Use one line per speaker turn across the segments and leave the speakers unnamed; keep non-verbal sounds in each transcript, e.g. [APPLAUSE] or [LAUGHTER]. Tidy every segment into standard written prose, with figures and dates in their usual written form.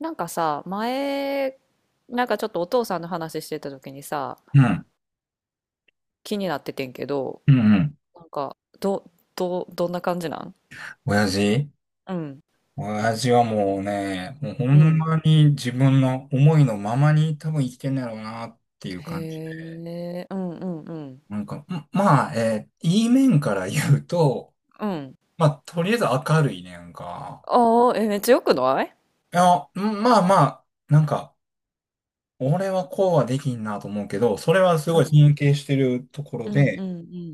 なんかさ、前、なんかちょっとお父さんの話してた時にさ、
うん。
気になっててんけど、
うんうん。
なんか、どんな感じなん。
親父
うん。
親父はもうね、もうほん
うん。
まに自分の思いのままに多分生きてんだろうなっていう感じ
へ
で。
え、うんうんうん。
なんか、んまあ、いい面から言うと、
うん。
まあ、とりあえず明るいねんか。
ああ、え、めっちゃよくない。
いや、んまあまあ、なんか、俺はこうはできんなと思うけど、それはす
う
ごい
ん。
尊敬してるところ
うんうんう
で、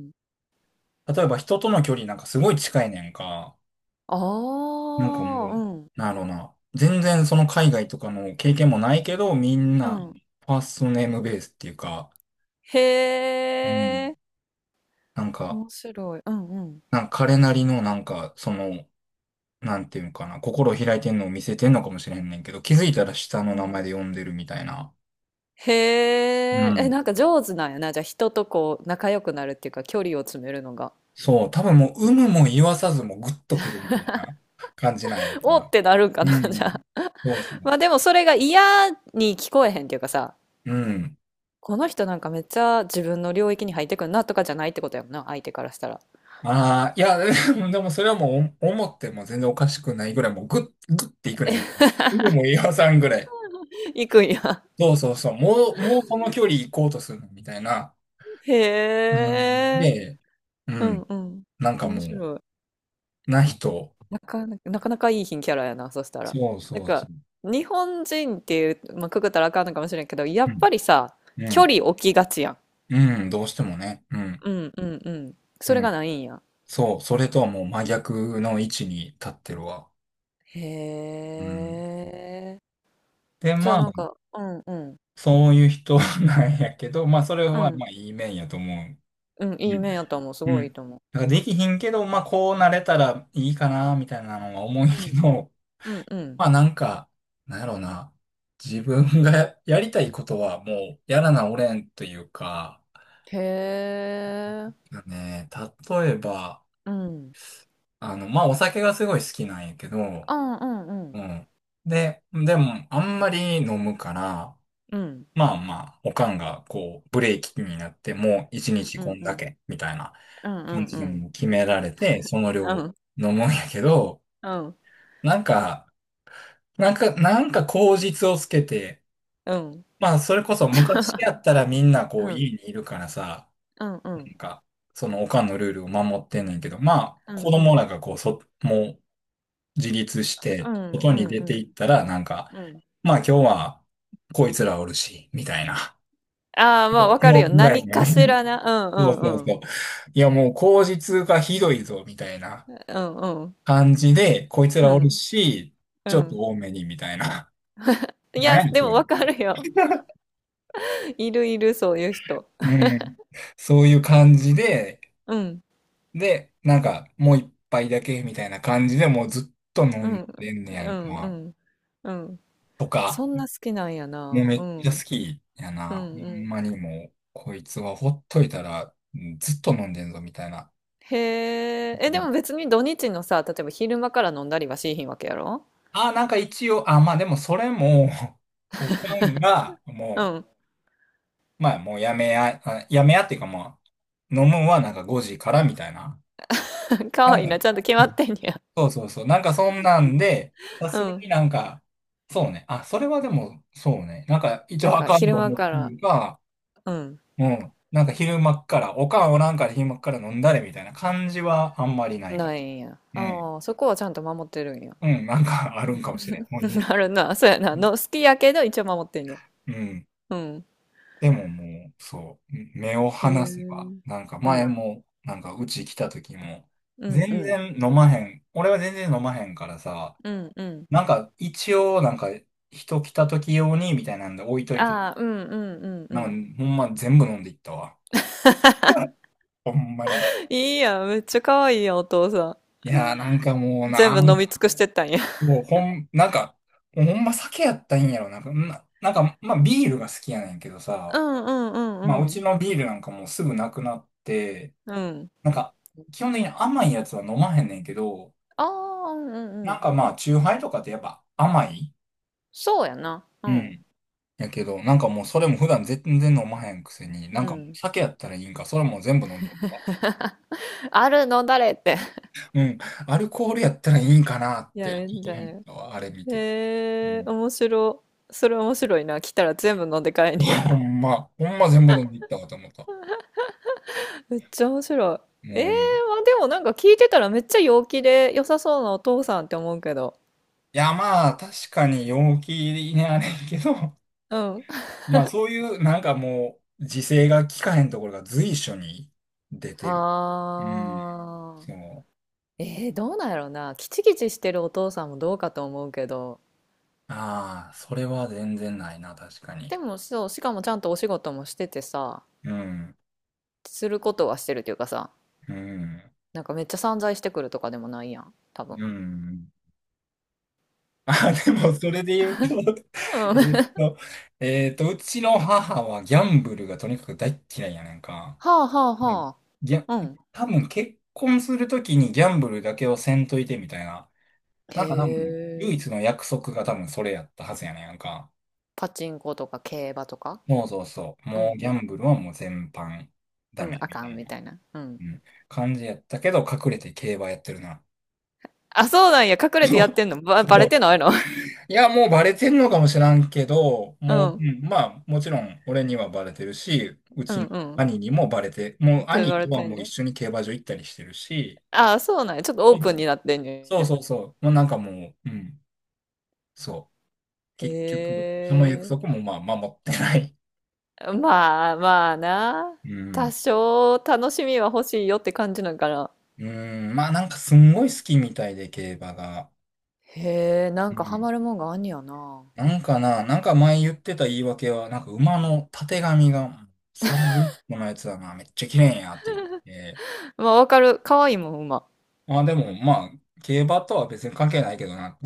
ん。
例えば人との距離なんかすごい近いねんか。
あ
なんかも
あ、
う、
うん。
なんやろうな。全然その海外とかの経験もないけど、みん
う
な、
ん。
ファーストネームベースっていうか、
へ
うん。
え、
なんか、
面白い。うんうん。
なんか彼なりのなんか、その、なんていうのかな、心を開いてんのを見せてんのかもしれんねんけど、気づいたら下の
う
名前
ん。
で呼んでるみたいな。
へ
う
え、え、
ん。
なんか上手なんやな。じゃあ人とこう仲良くなるっていうか距離を詰めるのが。
そう、多分もう、有無も言わさずもグッとくるみたいな感じなんやんか
おっ
な。
てなるんかな、
う
[LAUGHS] じゃ
ん。
あ。
そうそう
まあで
そ
もそれが嫌に聞こえへんっていうかさ、
う。うん。
この人なんかめっちゃ自分の領域に入ってくんなとかじゃないってことやもんな、相手からしたら。
ああ、いや、[LAUGHS] でもそれはもうお思っても全然おかしくないぐらい、もうグッ、グッていくね。でもう岩さんぐらい。
行くんや。
そうそうそう。もう、もうこの距離行こうとするのみたいな。
[LAUGHS] へ
うん、
え。
で、う
うん
ん。
うん。
なんか
面
もう、
白い。
な人。
なかなかいい品キャラやな、そしたら。
そう
なん
そうそ
か、
う。
日本人っていう、まあ、くくったらあかんのかもしれんけど、や
う
っ
ん。
ぱりさ、
う
距
ん。
離置きがちやん。
うん。どうしてもね。うん。
うんうんうん。
う
それが
ん。
ないんや。
そう。それとはもう真逆の位置に立ってるわ。
へ
うん。
え。
で、
じゃあ
まあ、
なんか、うんうん。
そういう人なんやけど、まあ、それ
う
は
ん。
まあ、いい面やと思う。
うん、いい面やと思う。す
う
ごいい
ん。
いと思
だからできひんけど、まあこうなれたらいいかな、みたいなのは思うん
う。
や
う
け
んうん。
ど、
うんう
[LAUGHS]
ん。
まあなんか、なんやろうな。自分がやりたいことはもうやらなおれんというか、
へえ。
ね、例えば、
うん。
あの、まあお酒がすごい好きなんやけど、
うんうんう
う
ん。
ん。で、でもあんまり飲むから、
うん
まあまあ、おかんがこう、ブレーキになってもう一日
う
こ
ん
ん
う
だ
ん。
け、みたいな
うんう
感
ん
じ
う
で
ん。
もう決められて、その
う
量
ん
飲
うんうん。
むんやけど、
うん
なんか、なんか、なんか口実をつけて、
うん。
まあ、それこそ昔
[LAUGHS]
やったらみんな
う
こう
ん。
家にいるからさ、
うんう
なん
ん。
か、そのおかんのルールを守ってんねんけど、まあ、
う
子
んう
供
ん
らがこう、もう自立し
う
て、
ん。
外に出ていった
う
ら、なんか、
ん。
まあ今日はこいつらおるし、みたいな。
ああー、まあ
で
わかる
今
よ。
日ぐらい
何
の
か
み
しらな。う
そう
んう
そう
んう
そ
ん。
う。いや、もう口実がひどいぞ、みたいな
うんうん
感じで、こいつ
う
らおる
ん。
し、
う
ちょっと
ん。
多めに、みたいな。[LAUGHS]
い
何
や、
やねん
で
そ
も
れ
わかるよ。[LAUGHS] いるいる、そういう人。
うん。そういう感じで、
うん。
で、なんか、もう一杯だけみたいな感じでもうずっと飲
う
ん
ん。
でんね
う
やんか。
んうん。うん。
とか、
そんな好きなんや
もう
な。
め
う
っちゃ
ん。
好きや
う
な。ほ
んう
ん
ん。
まにもう、こいつはほっといたら、うんずっと飲んでんぞみたいな。
へえ。
う
え、で
ん
も別に土日のさ、例えば昼間から飲んだりはしーひんわけやろ。
あ、なんか一応、あ、まあでもそれも [LAUGHS] おかんが、
う
も
ん。
う、まあもうやめや、あやめやっていうかまあ、飲むんはなんか5時からみたいな。
[LAUGHS] か
な
わ
ん
い
か
いな。ちゃんと決まってんや。
そうそうそう。なんかそんなんで、さ
う
すが
ん。
になんか、そうね。あ、それはでも、そうね。なんか一
なん
応あ
か
かん
昼
と
間
思っ
か
て
ら、
るが、
うん。
うん。なんか昼間っから、おかんおらんから昼間っから飲んだれみたいな感じはあんまりないかも。
ないんや。
うん。
ああ、そこはちゃんと守ってるんや。
うん、なんか [LAUGHS] あるんかもしれん。もう
う
に、
ん。 [LAUGHS] あるな。そうやな。の、好きやけど一応守ってんや。
うん。
うん。
でももう、そう。目を
へえ。
離せば、なんか
う
前
ん。
も、なんかうち来た時も、
うんう
全
ん。
然飲まへん。俺は全然飲まへんからさ、
うんうん。
なんか、一応、なんか、人来た時用に、みたいなんで置いといて。
ああ、うんうんうんう
な
ん。
んか、ほんま全部飲んでいったわ。[LAUGHS]
[LAUGHS]
ほんまに。
いいやん。めっちゃかわいいやん、お父さ
いやー、なんかもう
ん。
な、
全
あー
部
も
飲み尽くしてったんや。
う、もうほん、なんか、もうほんま酒やったらいいんやろ。なんか、な、なんか、まあ、ビールが好きやねんけど
う
さ、
んうんう
まあ、う
んう
ち
ん。
のビールなんかもうすぐなくなって、
うん。
なんか、基本的に甘いやつは飲まへんねんけど、
ああ、うんうん
な
う
ん
ん。
かまあ、チューハイとかってやっぱ甘い。
そうやな。うん。
やけど、なんかもうそれも普段全然飲まへんくせに、
う
なんかもう
ん。
酒やったらいいんか、それも全部飲んでいくわ
あるの誰って。
うん、アルコールやったらいいんかなっ
[LAUGHS] い
て、
や、
ちょっ
み
と
た
思っ
いな。
たわ、あれ見て。う
へえ、
ん、
面白。それ面白いな。来たら全部飲んで帰んねや。
[LAUGHS] ほんま、ほんま全部飲んでいったわと思った。
[LAUGHS] めっちゃ面白い。ええ、
うん。
まあでもなんか聞いてたらめっちゃ陽気で良さそうなお父さんって思うけど。
いや、まあ、確かに陽気にあれんけど、
うん。
[LAUGHS] まあそういう、なんかもう、自制が効かへんところが随所に出てる。うん。
ああ。
そう。
えー、どうなんやろうな。キチキチしてるお父さんもどうかと思うけど。
ああ、それは全然ないな、確か
で
に。
もそう、しかもちゃんとお仕事もしててさ、
うん。
することはしてるというかさ、
うん。
なんかめっちゃ散財してくるとかでもないやん、多分。
うん。あ、でも、そ
で、
れで言うと、[LAUGHS]
うん。[LAUGHS]
えっ
は
と、うちの母はギャンブルがとにかく大っ嫌いやねんか。
あはあ
うん
は
ギャ、
あ。うん。
多分結婚するときにギャンブルだけをせんといてみたいな。
へ
なんか多分、唯一
え。
の約束が多分それやったはずやねんか。
パチンコとか競馬とか。
そうそうそう。
う
もう
ん
ギ
う
ャ
ん。
ンブルはもう全般
う
ダ
ん、
メ
あ
み
か
た
ん
い
み
な、
たいな。うん。
うん、感じやったけど、隠れて競馬やってるな。
あ、そうなんや。隠
[LAUGHS]
れて
そ
やっ
う。
てんの。バ
そ
レ
う
てないの。
いや、もうバレてんのかもしらんけど、
[LAUGHS] う
もう、
ん。
うんまあ、もちろん俺にはバレてるし、う
うん
ちの
うん。
兄にもバレて、もう
って
兄
バ
と
レ
は
てん
もう一
ね。
緒に競馬場行ったりしてるし、
あ、そうなんや。ちょっとオープンになってんね
そう
ん。
そうそう、もうなんかもう、うん、そう、
へ
結局、その約束
え。
もまあ守ってない。
まあまあな。
う
多
ん。
少楽しみは欲しいよって感じなんかな。
うん、まあなんかすんごい好きみたいで、競馬が。
へえ、な
う
んかハ
ん。
マるもんがあんねやな。
なんかな、なんか前言ってた言い訳は、なんか馬のたてがみが、サルのやつだな、めっちゃ綺麗やって言って、
まあ、わかる。可愛いもん、馬。
まあでも、まあ、競馬とは別に関係ないけどな。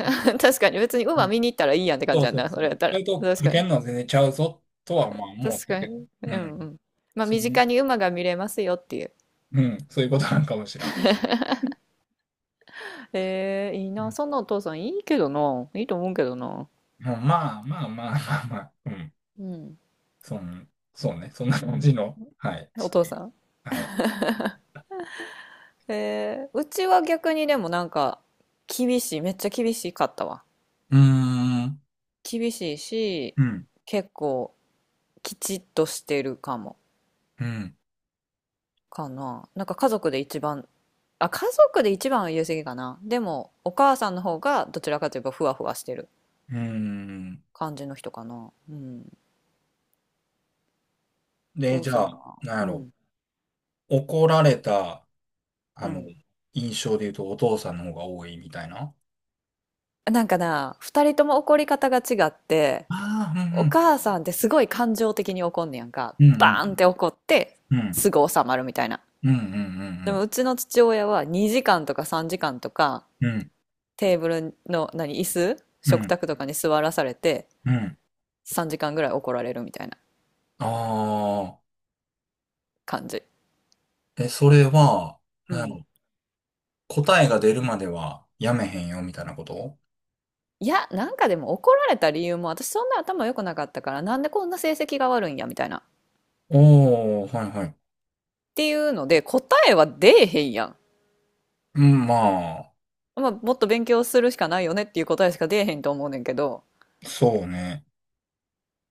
[LAUGHS] 確かに。別に
う
馬
ん
見に行ったらいいやんって感
そ
じ
う
やん
そう
な。そ
そ
れやっ
う。
た
そ
ら。
れと、
確
か
か
け
に。
んのは全然ちゃうぞとはまあ思っ
確
た
か
けど。
に。う
う
んう
ん。
ん。まあ、
その、
身近に馬が見れますよっていう。
うん。そういうことなんかもしらん。
えー、いい
う
な。
ん。
そんなお父さんいいけどな。いいと思うけどな。
まあまあまあまあまあ、まあ、うん。
うん。
そんそうね。そんな感じの、はい、地
お父
球。
さん。
はい。
えー、うちは逆にでもなんか、厳しい。めっちゃ厳しかったわ。
うーん。
厳しいし、
うん。
結構、きちっとしてるかも。
うん。
かな。なんか家族で一番、あ、家族で一番は言い過ぎかな。でも、お母さんの方がどちらかといえばふわふわしてる
うーん。
感じの人かな。うん。
で、
お父
じ
さ
ゃ
ん
あ、
は。
なんや
う
ろ。
ん。
怒られた、あ
う
の、
ん。
印象で言うとお父さんの方が多いみたいな。
なんかな、二人とも怒り方が違って、
ああ、
お
うん
母さんってすごい感情的に怒んねやんか。
うん。う
バ
ん
ー
う
ンっ
ん。
て怒って、
うん
すぐ収まるみたいな。
うんう
でも、
ん
うちの父親は2時間とか3時間とか、
うんうん。うん
テーブルの、何、椅子
う
食
ん
卓とかに座らされて、
うん。
3時間ぐらい怒られるみたいな
ああ
感じ。
ー。え、それは、
う
なんや
ん、
ろ答えが出るまではやめへんよみたいなこと
いや、なんかでも怒られた理由も私そんな頭良くなかったからなんでこんな成績が悪いんやみたいな。っ
おおー、はいはい。
ていうので答えは出えへんやん。
うん、まあ、
まあ、もっと勉強するしかないよねっていう答えしか出えへんと思うねんけど、
そうね。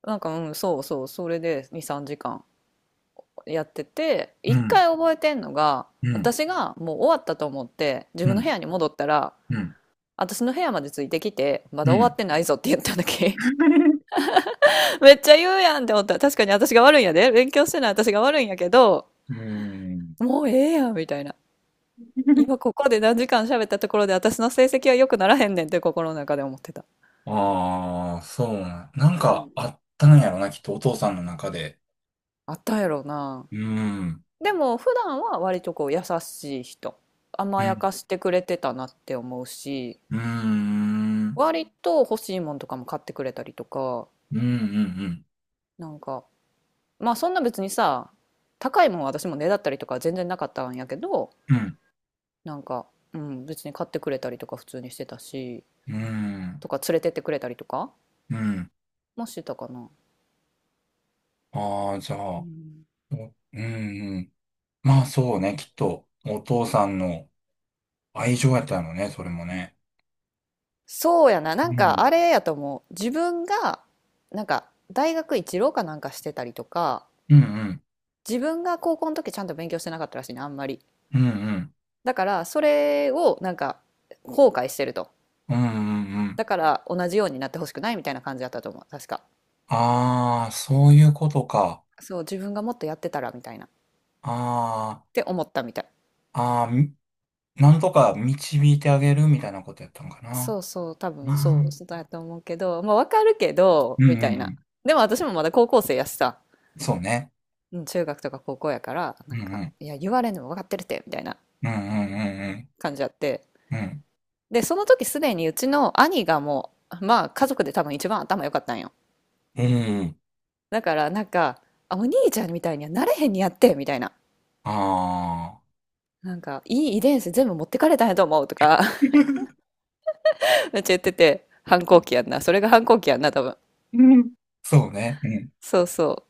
なんか、うん、そうそう、それで2、3時間やってて、
う
一
ん、
回覚えてんのが、
うん、
私がもう終わったと思って自
う
分の部
ん、
屋に戻ったら、
うん、
私の部屋までついてきてま
う
だ終わ
ん。
ってないぞって言っただけ。
[LAUGHS]
[LAUGHS] めっちゃ言うやんって思った。確かに私が悪いんや、で、勉強してない私が悪いんやけど、
うん。
もうええやんみたいな。今ここで何時間喋ったところで私の成績は良くならへんねんって心の中で思ってた。
ああ、そうな。なん
う
か
ん。
あったんやろな、きっとお父さんの中で。
あったんやろうな。
うん。
でも普段は割とこう優しい人、
う
甘や
ん。
かしてくれてたなって思うし、
うん。
割と欲しいもんとかも買ってくれたりとか、
うん。うん。
なんか、まあそんな別にさ、高いもんは私もねだったりとかは全然なかったんやけど、
うん。うん。
なんか、うん、別に買ってくれたりとか普通にしてたし、
うん。
とか連れてってくれたりとか
うん。
もしてたかな。
ああ、じゃ
う
あ、
ん、
おうん、うん。まあそうね、きっと、お父さんの愛情やったのね、それもね。
そうやな、
う
なんか
ん、
あれやと思う。自分が、なんか大学一浪かなんかしてたりとか、
うん、うん、
自分が高校の時ちゃんと勉強してなかったらしいね、あんまり。
うん、うん、
だからそれをなんか後悔してると。
うん、うんうん。
だから同じようになってほしくないみたいな感じだったと思う、確か。
ああ、そういうことか。
そう、自分がもっとやってたらみたいな。っ
あ
て思ったみたい。
あ、ああ、みなんとか導いてあげるみたいなことやったのかな。
そうそう、多分
あ
そう
ー
そうだと思うけど、まあわかるけど、
うん、う
みた
ん、
い
う
な。
ん
でも私もまだ高校生やしさ、
そうね。
うん、中学とか高校やから、な
うん、
ん
う
か、
ん、
いや、言われんでも分かってるって、みたいな。
うん、うん、
感じあって、
うん、うん、
で、その時すでにうちの兄がもう、まあ家族で多分一番頭良かったんよ。
うん。うん
だからなんか、あ、お兄ちゃんみたいにはなれへんにやってみたいな。
ああ
なんか、いい遺伝子全部持ってかれたんやと思うとか、[LAUGHS]
ー、
めっちゃ言ってて、反抗期やんな。それが反抗期やんな、多分。
[LAUGHS] うんそうね。うん。
そうそ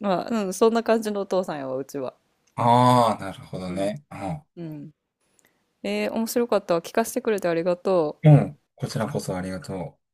う。まあ、うん、そんな感じのお父さんやわ、うちは。
ああ、なるほど
うん。
ね。うん
うん。えー面白かったわ。聞かせてくれてありがとう。
うん。こちらこそありがとう。